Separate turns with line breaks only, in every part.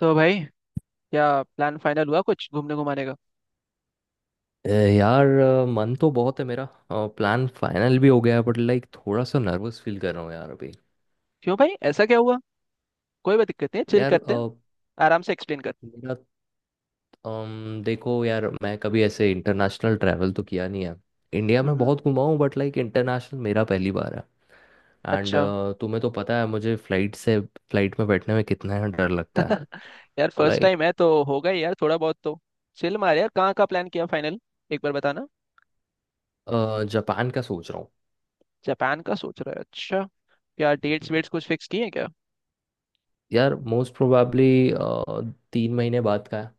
तो भाई, क्या प्लान फाइनल हुआ कुछ घूमने घुमाने का।
यार मन तो बहुत है मेरा। प्लान फाइनल भी हो गया है बट लाइक थोड़ा सा नर्वस फील कर रहा हूँ यार अभी।
क्यों भाई, ऐसा क्या हुआ। कोई बात, दिक्कत नहीं, चिल
यार
करते हैं। आराम से एक्सप्लेन कर।
मेरा देखो यार, मैं कभी ऐसे इंटरनेशनल ट्रैवल तो किया नहीं है। इंडिया
हम्म
में
हम्म,
बहुत घुमा हूँ बट लाइक इंटरनेशनल मेरा पहली बार है। एंड
अच्छा।
तुम्हें तो पता है मुझे फ्लाइट से फ्लाइट में बैठने में कितना ही डर लगता है।
यार
तो
फर्स्ट
लाइक
टाइम है तो होगा ही यार, थोड़ा बहुत तो। चिल मार यार, कहाँ का प्लान किया फाइनल, एक बार बताना।
जापान का सोच रहा
जापान का सोच रहा है, अच्छा। क्या डेट्स
हूँ।
वेट्स कुछ फिक्स किए हैं क्या।
यार मोस्ट प्रोबेबली 3 महीने बाद का है।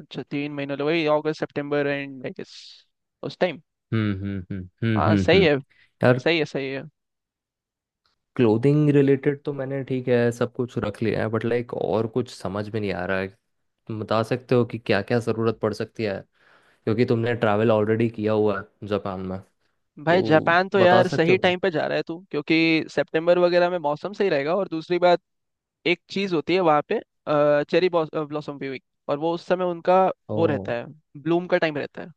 अच्छा 3 महीने लगे, वही अगस्त सितंबर एंड आई गेस उस टाइम।
हम्म हम्म हम्म हम्म
हाँ
हम्म
सही
हम्म।
है।
यार
सही है सही है।
क्लोथिंग रिलेटेड तो मैंने ठीक है सब कुछ रख लिया है बट लाइक और कुछ समझ में नहीं आ रहा है। तुम बता सकते हो कि क्या क्या ज़रूरत पड़ सकती है, क्योंकि तुमने ट्रैवल ऑलरेडी किया हुआ है जापान में।
भाई
तो
जापान तो
बता
यार
सकते
सही
हो क्या?
टाइम पे जा रहा है तू, क्योंकि सितंबर वगैरह में मौसम सही रहेगा। और दूसरी बात, एक चीज होती है वहां पे, चेरी ब्लॉसम व्यूइंग, और वो उस समय उनका
ओ।
वो रहता है, ब्लूम का टाइम रहता है।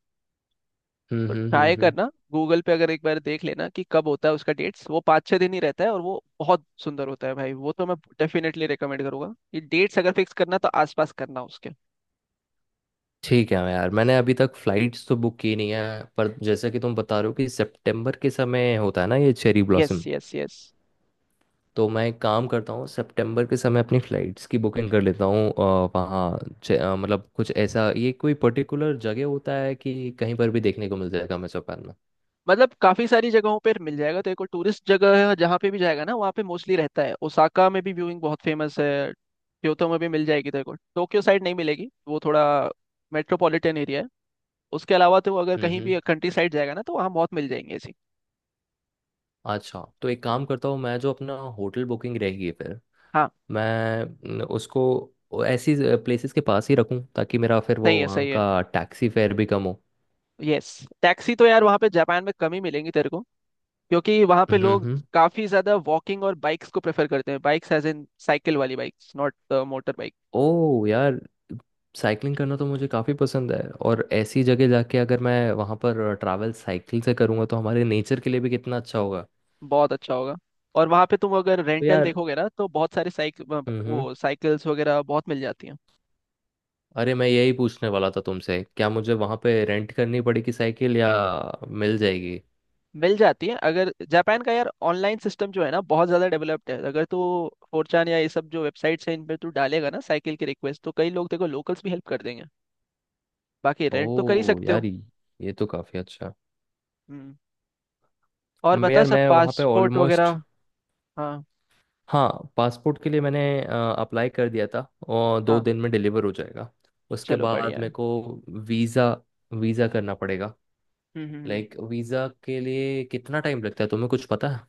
हम्म
तो
हम्म हम्म
ट्राई
हम्म।
करना, गूगल पे अगर एक बार देख लेना कि कब होता है उसका डेट्स। वो 5-6 दिन ही रहता है और वो बहुत सुंदर होता है भाई। वो तो मैं डेफिनेटली रिकमेंड करूंगा। ये डेट्स अगर फिक्स करना तो आसपास करना उसके।
ठीक है यार, मैंने अभी तक फ्लाइट्स तो बुक की नहीं है, पर जैसे कि तुम बता रहे हो कि सितंबर के समय होता है ना ये cherry
yes
blossom,
yes yes.
तो मैं एक काम करता हूँ सितंबर के समय अपनी फ़्लाइट्स की बुकिंग कर लेता हूँ वहाँ। मतलब कुछ ऐसा, ये कोई पर्टिकुलर जगह होता है कि कहीं पर भी देखने को मिल जाएगा हमें जापान में?
मतलब काफी सारी जगहों पर मिल जाएगा, तो एक और टूरिस्ट जगह है जहाँ पे भी जाएगा ना वहाँ पे मोस्टली रहता है। ओसाका में भी व्यूइंग बहुत फेमस है। क्योतो में भी मिल जाएगी तेरे को। टोक्यो साइड नहीं मिलेगी, वो थोड़ा मेट्रोपॉलिटन एरिया है। उसके अलावा तो अगर
हम्म
कहीं भी
हम्म।
कंट्री साइड जाएगा ना तो वहाँ बहुत मिल जाएंगे ऐसी।
अच्छा तो एक काम करता हूँ, मैं जो अपना होटल बुकिंग रहेगी फिर,
हाँ
मैं न, उसको वो ऐसी प्लेसेस के पास ही रखूँ ताकि मेरा फिर वो
सही है।
वहाँ
सही है
का टैक्सी फेयर भी कम हो।
यस। टैक्सी तो यार वहाँ पे जापान में कम ही मिलेंगी तेरे को, क्योंकि वहाँ पे लोग
हम्म।
काफी ज्यादा वॉकिंग और बाइक्स को प्रेफर करते हैं। बाइक्स एज इन साइकिल वाली बाइक्स, नॉट मोटर बाइक।
ओह यार, साइकिलिंग करना तो मुझे काफ़ी पसंद है, और ऐसी जगह जाके अगर मैं वहाँ पर ट्रैवल साइकिल से करूँगा तो हमारे नेचर के लिए भी कितना अच्छा होगा।
बहुत अच्छा होगा। और वहाँ पे तुम अगर
तो
रेंटल
यार।
देखोगे ना तो बहुत सारे साइकिल,
हम्म।
वो साइकिल्स वगैरह बहुत मिल जाती हैं।
अरे मैं यही पूछने वाला था तुमसे, क्या मुझे वहाँ पे रेंट करनी पड़ेगी साइकिल, या मिल जाएगी?
मिल जाती है। अगर जापान का यार ऑनलाइन सिस्टम जो है ना बहुत ज़्यादा डेवलप्ड है। अगर तू फोरचान या ये सब जो वेबसाइट्स हैं इन पर तू डालेगा ना साइकिल की रिक्वेस्ट, तो कई लोग, देखो, लोकल्स भी हेल्प कर देंगे। बाकी रेंट तो कर ही
ओह
सकते हो।
यार ये तो काफ़ी अच्छा।
हम्म, और
मैं,
बता,
यार
सब
मैं वहाँ पे
पासपोर्ट
ऑलमोस्ट।
वगैरह। हाँ
हाँ। पासपोर्ट के लिए मैंने अप्लाई कर दिया था, और दो
हाँ।
दिन में डिलीवर हो जाएगा। उसके
चलो
बाद
बढ़िया है।
मेरे को वीज़ा वीज़ा करना पड़ेगा।
हम्म हम्म हम्म।
लाइक वीज़ा के लिए कितना टाइम लगता है, तुम्हें कुछ पता है?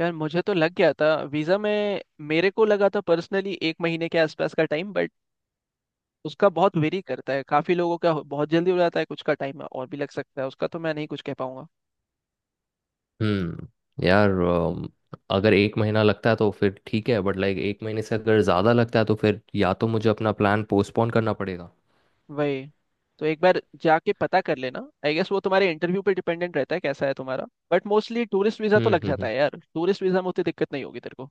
यार मुझे तो लग गया था वीज़ा में। मेरे को लगा था पर्सनली एक महीने के आसपास का टाइम, बट उसका बहुत वेरी करता है। काफी लोगों का बहुत जल्दी हो जाता है, कुछ का टाइम और भी लग सकता है। उसका तो मैं नहीं कुछ कह पाऊंगा।
हम्म। यार अगर 1 महीना लगता है तो फिर ठीक है, बट लाइक 1 महीने से अगर ज़्यादा लगता है तो फिर या तो मुझे अपना प्लान पोस्टपोन करना पड़ेगा।
वही, तो एक बार जाके पता कर लेना। आई गेस वो तुम्हारे इंटरव्यू पे डिपेंडेंट रहता है, कैसा है तुम्हारा। बट मोस्टली टूरिस्ट वीजा तो
हम्म
लग
हम्म
जाता
हम्म।
है यार। टूरिस्ट वीजा में उतनी दिक्कत नहीं होगी तेरे को।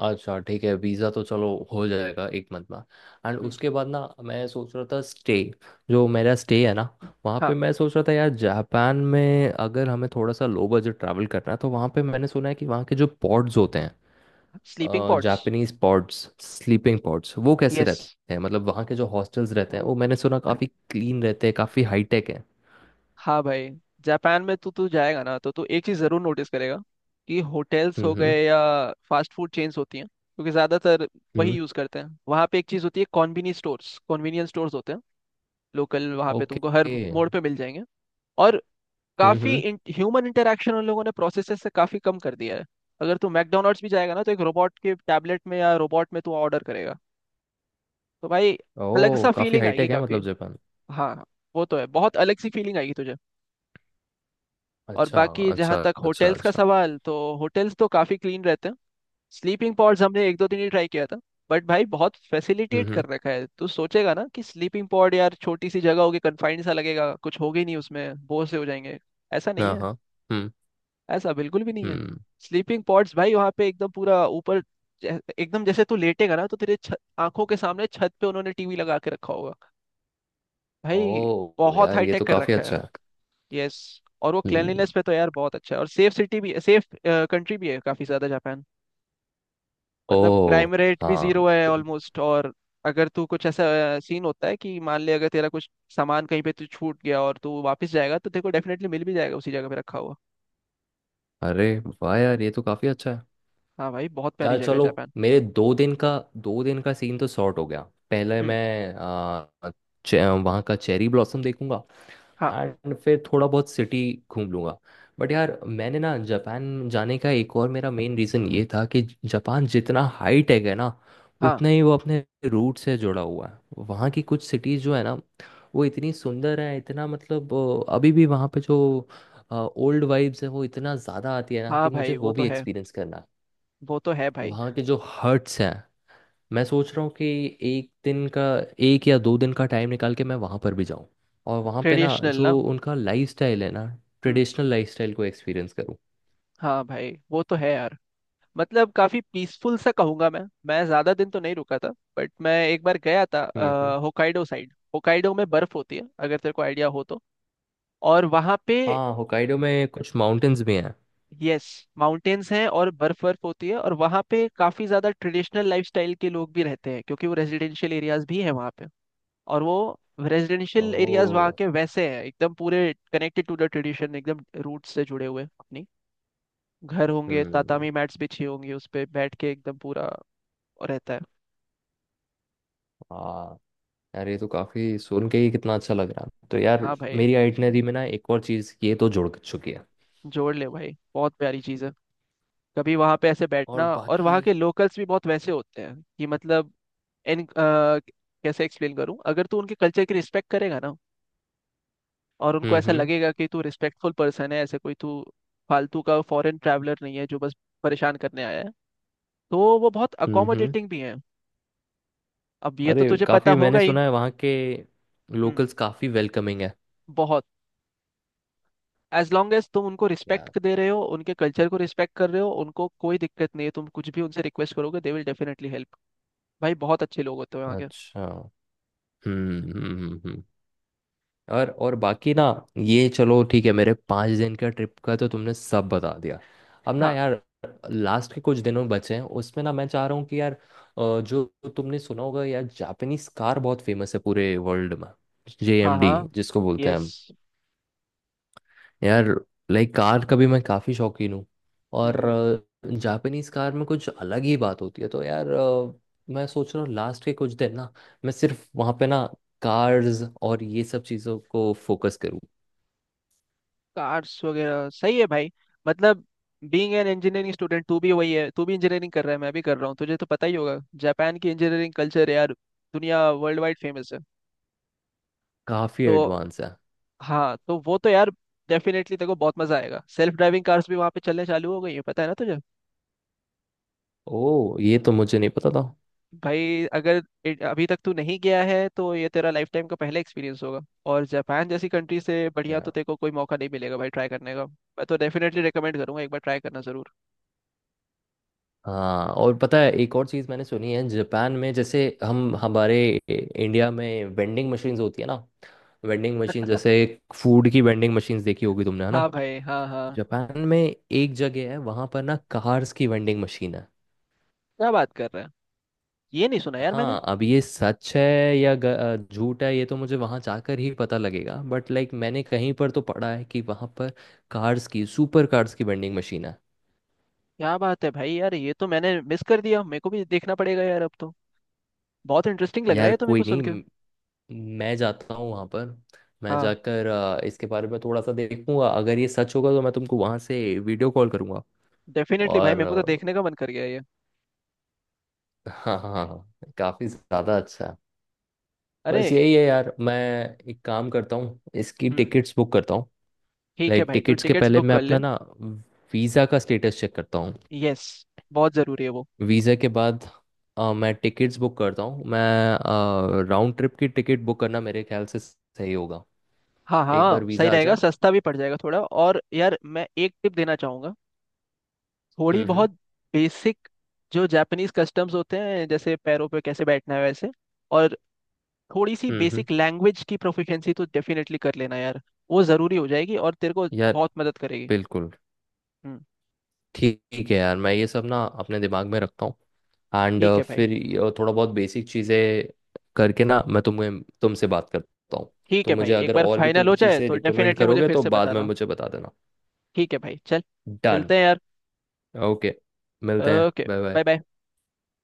अच्छा ठीक है, वीज़ा तो चलो हो जाएगा 1 मंथ में। एंड
हम्म।
उसके बाद ना, मैं सोच रहा था स्टे, जो मेरा स्टे है ना वहाँ पे,
हाँ,
मैं सोच रहा था यार जापान में अगर हमें थोड़ा सा लो बजट ट्रैवल करना है, तो वहाँ पे मैंने सुना है कि वहाँ के जो पॉड्स होते हैं,
sleeping pods.
Japanese pods, sleeping pods, वो कैसे
यस।
रहते हैं? मतलब वहाँ के जो हॉस्टल्स रहते हैं वो मैंने सुना काफ़ी क्लीन रहते हैं, काफ़ी हाईटेक है।
हाँ भाई, जापान में तो तू जाएगा ना तो तू एक चीज़ ज़रूर नोटिस करेगा, कि होटल्स
हम्म
हो
हम्म
गए या फास्ट फूड चेन्स होती हैं, क्योंकि ज़्यादातर वही
हम्म।
यूज़ करते हैं। वहाँ पे एक चीज़ होती है, कॉन्वीनियंस स्टोर्स। कॉन्वीनियंस स्टोर्स होते हैं लोकल, वहाँ पे
ओके।
तुमको हर
हम्म
मोड़ पे मिल जाएंगे। और काफ़ी
हम्म।
ह्यूमन इंटरेक्शन उन लोगों ने प्रोसेसेस से काफ़ी कम कर दिया है। अगर तू मैकडोनल्ड्स भी जाएगा ना तो एक रोबोट के टैबलेट में या रोबोट में तू ऑर्डर करेगा। तो भाई अलग
ओह
सा
काफ़ी
फीलिंग आएगी
हाईटेक है
काफ़ी।
मतलब जापान।
हाँ वो तो है, बहुत अलग सी फीलिंग आएगी तुझे। और
अच्छा
बाकी जहाँ
अच्छा
तक
अच्छा
होटल्स का
अच्छा।
सवाल, तो होटल्स तो काफ़ी क्लीन रहते हैं। स्लीपिंग पॉड्स हमने एक दो दिन ही ट्राई किया था, बट भाई बहुत फैसिलिटेट
हम्म।
कर रखा है। तू सोचेगा ना कि स्लीपिंग पॉड यार छोटी सी जगह होगी, कन्फाइंड सा लगेगा, कुछ होगा ही नहीं उसमें, बोर से हो जाएंगे। ऐसा नहीं
हाँ
है,
हाँ। हम्म
ऐसा बिल्कुल भी नहीं है।
हम्म।
स्लीपिंग पॉड्स भाई वहाँ पे एकदम पूरा ऊपर, एकदम जैसे तू लेटेगा ना तो तेरे आंखों के सामने छत पे उन्होंने टीवी लगा के रखा होगा भाई।
ओह
बहुत
यार
हाई
ये
टेक
तो
कर
काफ़ी
रखा है।
अच्छा है।
यस, और वो
हम्म।
क्लेanलीनेस पे तो यार बहुत अच्छा है। और सेफ सिटी भी, सेफ कंट्री भी है काफी ज्यादा जापान। मतलब
ओह।
क्राइम रेट भी
हाँ।
जीरो है ऑलमोस्ट। और अगर तू कुछ ऐसा, सीन होता है कि मान ले अगर तेरा कुछ सामान कहीं पे तू छूट गया और तू वापस जाएगा तो तेरे को डेफिनेटली मिल भी जाएगा उसी जगह पे रखा हुआ।
अरे वाह यार ये तो काफ़ी अच्छा है।
हाँ भाई, बहुत प्यारी
यार
जगह है
चलो,
जापान।
मेरे 2 दिन का 2 दिन का सीन तो सॉर्ट हो गया। पहले
हम्म।
मैं वहाँ का चेरी ब्लॉसम देखूंगा,
हाँ।
एंड फिर थोड़ा बहुत सिटी घूम लूंगा। बट यार मैंने ना जापान जाने का एक और मेरा मेन रीज़न ये था कि जापान जितना हाई टेक है ना,
हाँ
उतना ही वो अपने रूट से जुड़ा हुआ है। वहाँ की कुछ सिटीज़ जो है ना, वो इतनी सुंदर है, इतना मतलब अभी भी वहाँ पे जो ओल्ड वाइब्स है, वो इतना ज़्यादा आती है ना
हाँ
कि मुझे
भाई वो
वो
तो
भी
है,
एक्सपीरियंस करना है।
वो तो है भाई।
वहाँ के जो हट्स हैं, मैं सोच रहा हूँ कि 1 दिन का 1 या 2 दिन का टाइम निकाल के मैं वहाँ पर भी जाऊँ, और वहाँ पे ना
ट्रेडिशनल
जो
ना।
उनका लाइफस्टाइल है ना,
हम्म,
ट्रेडिशनल लाइफस्टाइल को एक्सपीरियंस करूँ।
हाँ भाई वो तो है यार। मतलब काफी पीसफुल सा कहूंगा मैं। मैं ज्यादा दिन तो नहीं रुका था, बट मैं एक बार गया था
हम्म।
Hokkaido side. होकाइडो में बर्फ होती है अगर तेरे को आइडिया हो तो। और वहां पे,
हाँ, होकाइडो में कुछ माउंटेन्स भी हैं।
यस माउंटेन्स हैं, और बर्फ बर्फ होती है। और वहां पे काफी ज्यादा ट्रेडिशनल लाइफस्टाइल के लोग भी रहते हैं, क्योंकि वो रेजिडेंशियल एरियाज भी हैं वहां पे। और वो रेजिडेंशियल एरियाज वहाँ
ओह।
के वैसे हैं, एकदम पूरे कनेक्टेड टू द ट्रेडिशन, एकदम रूट से जुड़े हुए अपनी। घर होंगे,
हम्म।
तातामी मैट्स बिछी होंगी, उस पे बैठ के एकदम पूरा रहता है।
हाँ। यार ये तो काफ़ी सुन के ही कितना अच्छा लग रहा है। तो यार
हाँ भाई,
मेरी आइटनरी में ना एक और चीज़ ये तो जुड़ चुकी है।
जोड़ ले भाई बहुत प्यारी चीज़ है। कभी वहाँ पे ऐसे बैठना,
और
और
बाकी।
वहाँ के लोकल्स भी बहुत वैसे होते हैं कि मतलब, इन अ, कैसे एक्सप्लेन करूँ, अगर तू उनके कल्चर की रिस्पेक्ट करेगा ना, और उनको
हम्म
ऐसा
हम्म
लगेगा कि तू रिस्पेक्टफुल पर्सन है, ऐसे कोई तू फालतू का फॉरेन ट्रैवलर नहीं है जो बस परेशान करने आया है, तो वो बहुत
हम्म हम्म।
अकोमोडेटिंग भी हैं। अब ये तो
अरे
तुझे पता
काफ़ी
होगा
मैंने
ही।
सुना है वहाँ के
हम्म,
लोकल्स काफ़ी वेलकमिंग है।
बहुत। एज लॉन्ग एज तुम उनको
या।
रिस्पेक्ट दे रहे हो, उनके कल्चर को रिस्पेक्ट कर रहे हो, उनको कोई दिक्कत नहीं है। तुम कुछ भी उनसे रिक्वेस्ट करोगे, दे विल डेफिनेटली हेल्प। भाई बहुत अच्छे लोग होते हैं वहाँ के।
अच्छा। हम्म हम्म हम्म, हम्म। और बाकी ना ये चलो ठीक है, मेरे 5 दिन का ट्रिप का तो तुमने सब बता दिया। अब ना
हाँ
यार लास्ट के कुछ दिनों बचे हैं, उसमें ना मैं चाह रहा हूँ कि यार जो तुमने सुना होगा यार, जापानीज कार बहुत फेमस है पूरे वर्ल्ड में।
हाँ
जेएमडी
हाँ।
जिसको बोलते हैं हम।
यस।
यार लाइक कार का भी मैं काफ़ी शौकीन हूँ, और
हम्म।
जापानीज कार में कुछ अलग ही बात होती है। तो यार मैं सोच रहा हूँ लास्ट के कुछ दिन ना मैं सिर्फ वहाँ पे ना कार्स और ये सब चीज़ों को फोकस करूँ।
कार्स वगैरह सही है भाई। मतलब बीइंग एन इंजीनियरिंग स्टूडेंट, तू भी वही है, तू भी इंजीनियरिंग कर रहा है, मैं भी कर रहा हूँ, तुझे तो पता ही होगा, जापान की इंजीनियरिंग कल्चर यार दुनिया, वर्ल्ड वाइड फेमस है।
काफ़ी
तो
एडवांस है।
हाँ, तो वो तो यार डेफिनेटली तेरे को बहुत मजा आएगा। सेल्फ ड्राइविंग कार्स भी वहाँ पे चलने चालू हो गई है, पता है ना तुझे।
ओ ये तो मुझे नहीं पता था।
भाई अगर अभी तक तू नहीं गया है, तो ये तेरा लाइफ टाइम का पहला एक्सपीरियंस होगा। और जापान जैसी कंट्री से बढ़िया तो
यार
तेरे को कोई मौका नहीं मिलेगा भाई ट्राई करने का। मैं तो डेफिनेटली रिकमेंड करूंगा, एक बार ट्राई करना जरूर।
हाँ, और पता है एक और चीज़ मैंने सुनी है जापान में, जैसे हम हमारे इंडिया में वेंडिंग मशीन्स होती है ना, वेंडिंग मशीन जैसे फूड की वेंडिंग मशीन्स देखी होगी तुमने है ना।
हाँ भाई। हाँ हाँ,
जापान में एक जगह है वहां पर ना, कार्स की वेंडिंग मशीन है।
क्या बात कर रहा है। ये नहीं सुना यार मैंने।
हाँ अब ये सच है या झूठ है, ये तो मुझे वहां जाकर ही पता लगेगा, बट लाइक मैंने कहीं पर तो पढ़ा है कि वहां पर कार्स की, सुपर कार्स की वेंडिंग मशीन है।
क्या बात है भाई, यार ये तो मैंने मिस कर दिया, मेरे को भी देखना पड़ेगा यार अब तो। बहुत इंटरेस्टिंग लग रहा है
यार
ये तो मेरे
कोई
को सुन
नहीं।
के।
मैं जाता हूँ वहां पर। मैं
हाँ
जाकर इसके बारे में थोड़ा सा देखूंगा, अगर ये सच होगा तो मैं तुमको वहां से वीडियो कॉल करूंगा।
डेफिनेटली भाई,
और
मेरे को तो देखने का मन कर गया ये।
हाँ हाँ हाँ, काफी ज्यादा अच्छा है।
अरे।
बस यही है यार, मैं एक काम करता हूँ इसकी
हम्म,
टिकट्स बुक करता हूँ।
ठीक है
लाइक
भाई, तो
टिकट्स के
टिकट्स
पहले
बुक
मैं
कर
अपना
ले।
ना वीज़ा का स्टेटस चेक करता हूँ।
यस, बहुत ज़रूरी है वो।
वीज़ा के बाद मैं टिकट्स बुक करता हूँ। मैं राउंड ट्रिप की टिकट बुक करना मेरे ख्याल से सही होगा।
हाँ
एक बार
हाँ सही
वीज़ा आ
रहेगा,
जाए।
सस्ता भी पड़ जाएगा थोड़ा। और यार मैं एक टिप देना चाहूंगा, थोड़ी
हम्म हम्म
बहुत बेसिक, जो जापानीज कस्टम्स होते हैं, जैसे पैरों पे कैसे बैठना है वैसे, और थोड़ी सी
हम्म हम्म।
बेसिक लैंग्वेज की प्रोफिशिएंसी, तो डेफिनेटली कर लेना यार। वो ज़रूरी हो जाएगी और तेरे को
यार
बहुत मदद करेगी।
बिल्कुल।
हम्म,
ठीक है यार, मैं ये सब ना अपने दिमाग में रखता हूँ, एंड
ठीक है भाई।
फिर ये थोड़ा बहुत बेसिक चीज़ें करके ना मैं तुम्हें, तुमसे बात करता हूँ।
ठीक
तो
है भाई,
मुझे
एक
अगर
बार
और भी
फाइनल
कुछ
हो जाए
चीज़ें
तो
रिकमेंड
डेफिनेटली मुझे
करोगे
फिर
तो
से
बाद में
बताना।
मुझे बता देना।
ठीक है भाई चल,
डन।
मिलते हैं यार।
ओके मिलते हैं,
okay,
bye bye.
Bye bye.